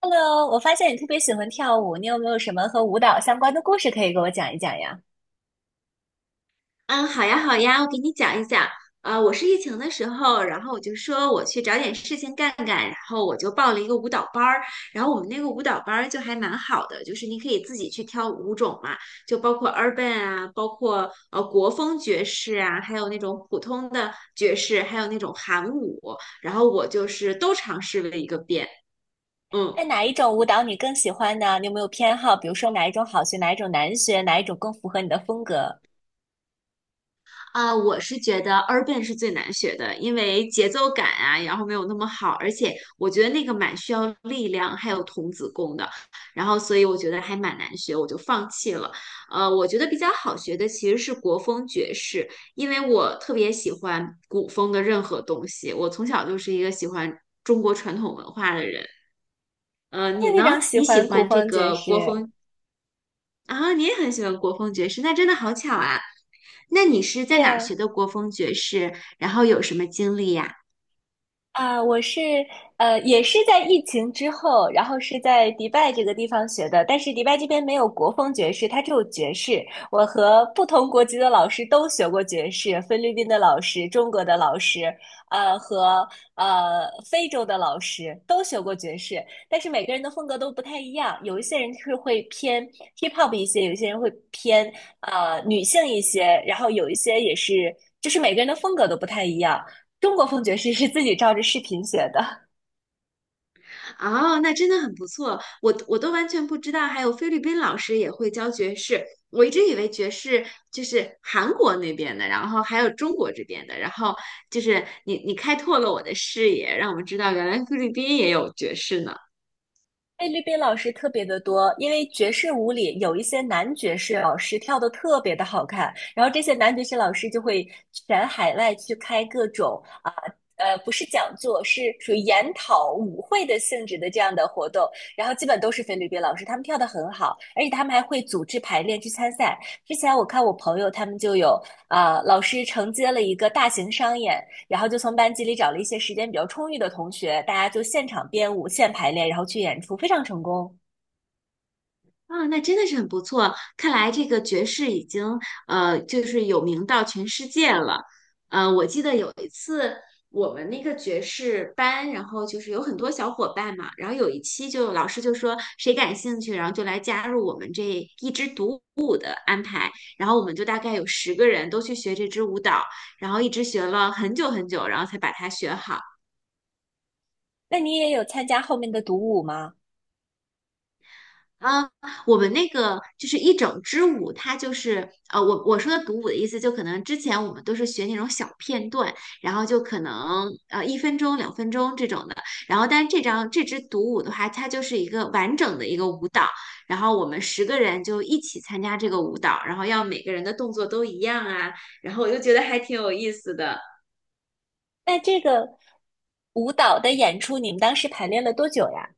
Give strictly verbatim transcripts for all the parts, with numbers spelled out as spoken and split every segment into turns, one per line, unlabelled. Hello，我发现你特别喜欢跳舞，你有没有什么和舞蹈相关的故事可以给我讲一讲呀？
嗯，好呀，好呀，我给你讲一讲。呃，我是疫情的时候，然后我就说我去找点事情干干，然后我就报了一个舞蹈班儿。然后我们那个舞蹈班儿就还蛮好的，就是你可以自己去挑舞种嘛，就包括 urban 啊，包括呃国风爵士啊，还有那种普通的爵士，还有那种韩舞。然后我就是都尝试了一个遍。嗯。
哎，哪一种舞蹈你更喜欢呢？你有没有偏好？比如说哪一种好学，哪一种难学，哪一种更符合你的风格？
啊，我是觉得 urban 是最难学的，因为节奏感啊，然后没有那么好，而且我觉得那个蛮需要力量，还有童子功的，然后所以我觉得还蛮难学，我就放弃了。呃，我觉得比较好学的其实是国风爵士，因为我特别喜欢古风的任何东西，我从小就是一个喜欢中国传统文化的人。呃，
我
你
也非
呢？
常喜
你喜
欢古
欢这
风爵
个
士。
国风啊？你也很喜欢国风爵士，那真的好巧啊！那你是
对
在哪儿
呀，
学的国风爵士？然后有什么经历呀？
啊，我是呃，也是在疫情之后，然后是在迪拜这个地方学的，但是迪拜这边没有国风爵士，它只有爵士。我和不同国籍的老师都学过爵士，菲律宾的老师、中国的老师，呃，和呃非洲的老师都学过爵士，但是每个人的风格都不太一样，有一些人是会偏 hip hop 一些，有一些人会偏呃女性一些，然后有一些也是，就是每个人的风格都不太一样。中国风爵士是自己照着视频学的。
哦，那真的很不错，我我都完全不知道，还有菲律宾老师也会教爵士。我一直以为爵士就是韩国那边的，然后还有中国这边的，然后就是你你开拓了我的视野，让我知道原来菲律宾也有爵士呢。
菲律宾老师特别的多，因为爵士舞里有一些男爵士老师跳的特别的好看，然后这些男爵士老师就会全海外去开各种啊呃不是讲座，是属于研讨舞会的性质的这样的活动，然后基本都是菲律宾老师，他们跳的很好，而且他们还会组织排练去参赛。之前我看我朋友他们就有啊、呃老师承接了一个大型商演，然后就从班级里找了一些时间比较充裕的同学，大家就现场编舞、现排练，然后去演出，非常成功。
啊，那真的是很不错。看来这个爵士已经呃，就是有名到全世界了。呃，我记得有一次我们那个爵士班，然后就是有很多小伙伴嘛，然后有一期就老师就说谁感兴趣，然后就来加入我们这一支独舞的安排。然后我们就大概有十个人都去学这支舞蹈，然后一直学了很久很久，然后才把它学好。
那你也有参加后面的独舞吗？
啊，我们那个就是一整支舞，它就是呃，我我说的独舞的意思，就可能之前我们都是学那种小片段，然后就可能呃一分钟、两分钟这种的，然后但是这张这支独舞的话，它就是一个完整的一个舞蹈，然后我们十个人就一起参加这个舞蹈，然后要每个人的动作都一样啊，然后我就觉得还挺有意思的。
那这个舞蹈的演出，你们当时排练了多久呀？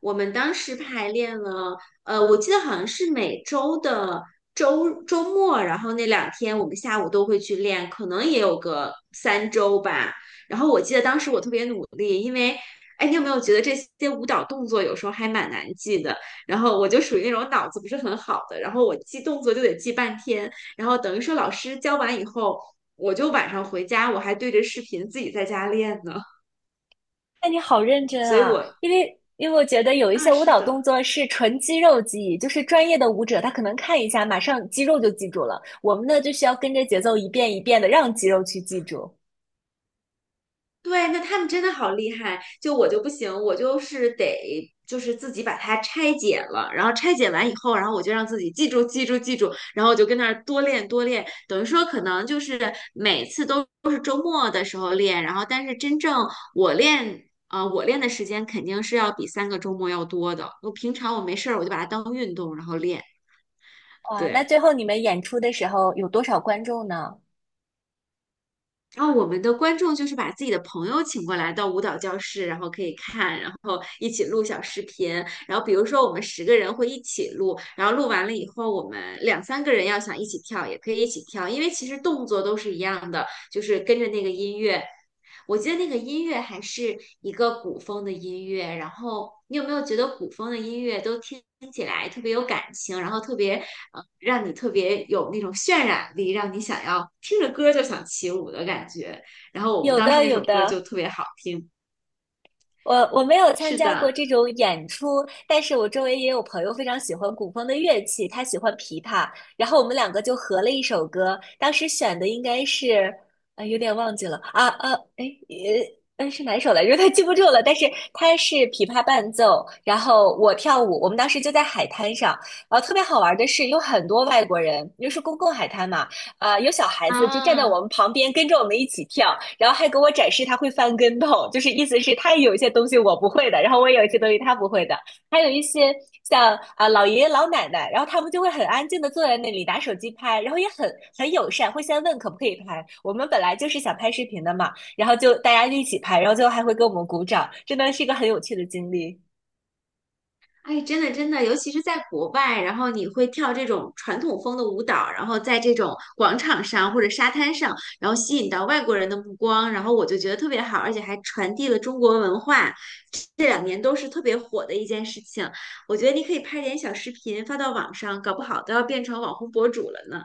我们当时排练了，呃，我记得好像是每周的周周末，然后那两天我们下午都会去练，可能也有个三周吧。然后我记得当时我特别努力，因为，哎，你有没有觉得这些舞蹈动作有时候还蛮难记的？然后我就属于那种脑子不是很好的，然后我记动作就得记半天，然后等于说老师教完以后，我就晚上回家我还对着视频自己在家练呢，
那你好认真
所以
啊，
我
因为因为我觉得有一
啊，
些舞
是
蹈动
的。
作是纯肌肉记忆，就是专业的舞者他可能看一下，马上肌肉就记住了。我们呢就需要跟着节奏一遍一遍的让肌肉去记住。
对，那他们真的好厉害，就我就不行，我就是得就是自己把它拆解了，然后拆解完以后，然后我就让自己记住记住记住，然后我就跟那儿多练多练，等于说可能就是每次都都是周末的时候练，然后但是真正我练。呃，我练的时间肯定是要比三个周末要多的。我平常我没事儿，我就把它当运动，然后练。
哇，那
对。
最后你们演出的时候有多少观众呢？
然后我们的观众就是把自己的朋友请过来到舞蹈教室，然后可以看，然后一起录小视频。然后比如说我们十个人会一起录，然后录完了以后，我们两三个人要想一起跳，也可以一起跳，因为其实动作都是一样的，就是跟着那个音乐。我记得那个音乐还是一个古风的音乐，然后你有没有觉得古风的音乐都听起来特别有感情，然后特别呃，让你特别有那种渲染力，让你想要听着歌就想起舞的感觉。然后我们
有
当时
的，
那
有
首歌就
的。
特别好听。
我我没有参
是
加过
的，
这种演出，但是我周围也有朋友非常喜欢古风的乐器，他喜欢琵琶，然后我们两个就合了一首歌，当时选的应该是，呃，有点忘记了啊啊，哎，呃，呃是哪一首来着？他记不住了，但是他是琵琶伴奏，然后我跳舞，我们当时就在海滩上，然后特别好玩的是有很多外国人，因为是公共海滩嘛，呃，有小孩子就站在我
啊。
们旁边跟着我们一起跳，然后还给我展示他会翻跟头，就是意思是他也有一些东西我不会的，然后我也有一些东西他不会的，还有一些像啊、呃老爷爷老奶奶，然后他们就会很安静的坐在那里拿手机拍，然后也很很友善，会先问可不可以拍。我们本来就是想拍视频的嘛，然后就大家一起拍，然后最后还会给我们鼓掌，真的是一个很有趣的经历。
哎，真的真的，尤其是在国外，然后你会跳这种传统风的舞蹈，然后在这种广场上或者沙滩上，然后吸引到外国人的目光，然后我就觉得特别好，而且还传递了中国文化，这两年都是特别火的一件事情。我觉得你可以拍点小视频发到网上，搞不好都要变成网红博主了呢。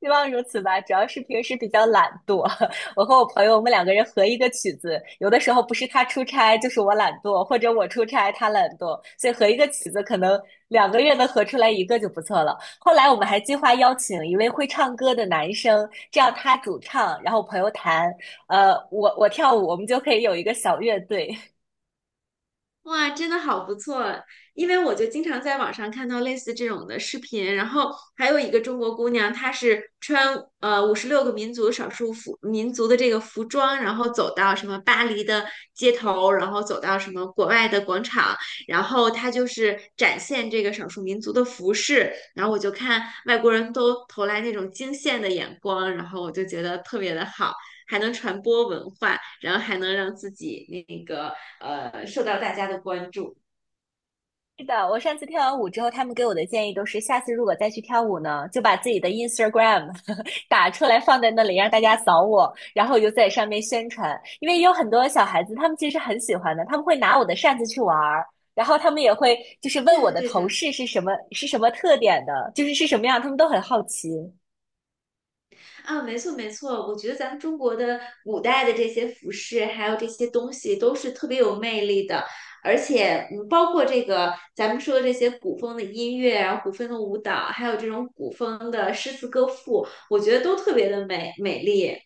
希望如此吧，主要是平时比较懒惰。我和我朋友，我们两个人合一个曲子，有的时候不是他出差，就是我懒惰，或者我出差他懒惰，所以合一个曲子可能两个月能合出来一个就不错了。后来我们还计划邀请一位会唱歌的男生，这样他主唱，然后朋友弹，呃，我我跳舞，我们就可以有一个小乐队。
哇，真的好不错！因为我就经常在网上看到类似这种的视频，然后还有一个中国姑娘，她是穿呃五十六个民族少数服民族的这个服装，然后走到什么巴黎的街头，然后走到什么国外的广场，然后她就是展现这个少数民族的服饰，然后我就看外国人都投来那种惊羡的眼光，然后我就觉得特别的好。还能传播文化，然后还能让自己那个呃受到大家的关注。
是的，我上次跳完舞之后，他们给我的建议都是，下次如果再去跳舞呢，就把自己的 Instagram 打出来放在那里，让大家扫我，然后我就在上面宣传。因为有很多小孩子，他们其实很喜欢的，他们会拿我的扇子去玩儿，然后他们也会就是问
对
我
的，
的
对
头
的，
饰是什么，是什么特点的，就是是什么样，他们都很好奇。
啊，没错，没错，我觉得咱们中国的古代的这些服饰，还有这些东西，都是特别有魅力的，而且，嗯，包括这个咱们说的这些古风的音乐啊，古风的舞蹈，还有这种古风的诗词歌赋，我觉得都特别的美美丽，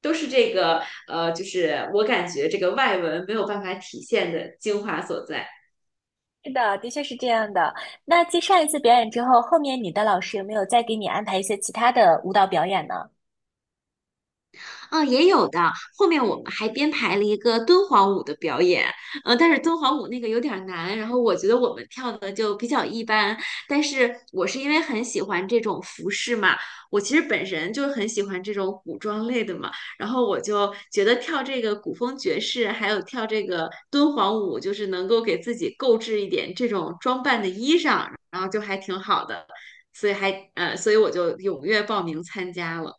都是这个呃，就是我感觉这个外文没有办法体现的精华所在。
是的，的确是这样的。那继上一次表演之后，后面你的老师有没有再给你安排一些其他的舞蹈表演呢？
嗯，也有的。后面我们还编排了一个敦煌舞的表演，呃，但是敦煌舞那个有点儿难，然后我觉得我们跳的就比较一般。但是我是因为很喜欢这种服饰嘛，我其实本身就很喜欢这种古装类的嘛，然后我就觉得跳这个古风爵士，还有跳这个敦煌舞，就是能够给自己购置一点这种装扮的衣裳，然后就还挺好的，所以还呃，所以我就踊跃报名参加了。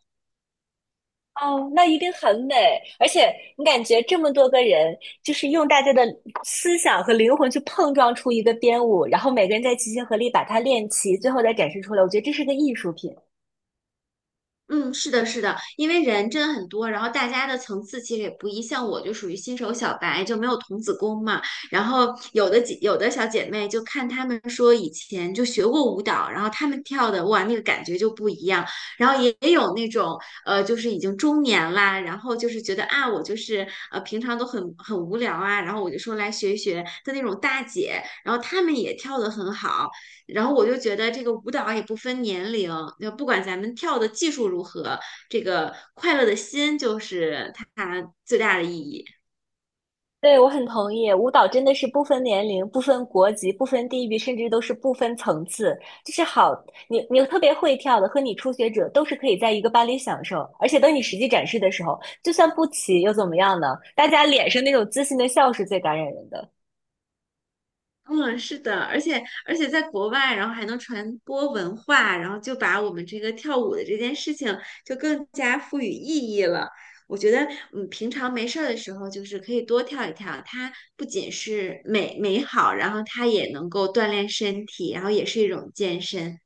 哦，那一定很美，而且你感觉这么多个人，就是用大家的思想和灵魂去碰撞出一个编舞，然后每个人再齐心合力把它练齐，最后再展示出来。我觉得这是个艺术品。
嗯，是的，是的，因为人真的很多，然后大家的层次其实也不一，像我就属于新手小白，就没有童子功嘛。然后有的姐，有的小姐妹就看她们说以前就学过舞蹈，然后她们跳的哇，那个感觉就不一样。然后也也有那种呃，就是已经中年啦，然后就是觉得啊，我就是呃平常都很很无聊啊，然后我就说来学一学的那种大姐，然后她们也跳得很好。然后我就觉得这个舞蹈也不分年龄，就不管咱们跳的技术如何，这个快乐的心就是它最大的意义。
对，我很同意，舞蹈真的是不分年龄、不分国籍、不分地域，甚至都是不分层次。就是好，你你特别会跳的和你初学者都是可以在一个班里享受，而且等你实际展示的时候，就算不齐又怎么样呢？大家脸上那种自信的笑是最感染人的。
嗯，是的，而且而且在国外，然后还能传播文化，然后就把我们这个跳舞的这件事情就更加赋予意义了。我觉得，嗯，平常没事儿的时候，就是可以多跳一跳。它不仅是美美好，然后它也能够锻炼身体，然后也是一种健身。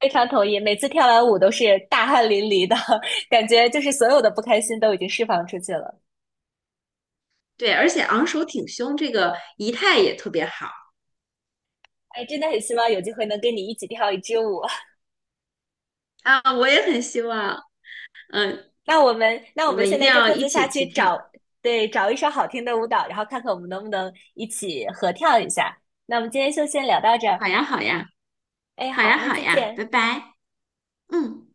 非常同意，每次跳完舞都是大汗淋漓的，感觉就是所有的不开心都已经释放出去了。
对，而且昂首挺胸这个仪态也特别好。
哎，真的很希望有机会能跟你一起跳一支舞。
啊，我也很希望，嗯，
那我们，那我
我
们
们一
现
定
在就
要
各
一
自下
起
去
去跳。
找，对，找一首好听的舞蹈，然后看看我们能不能一起合跳一下。那我们今天就先聊到这
好
儿。
呀，好呀，
哎，
好
好，
呀，
那
好
再
呀，拜
见。
拜，嗯。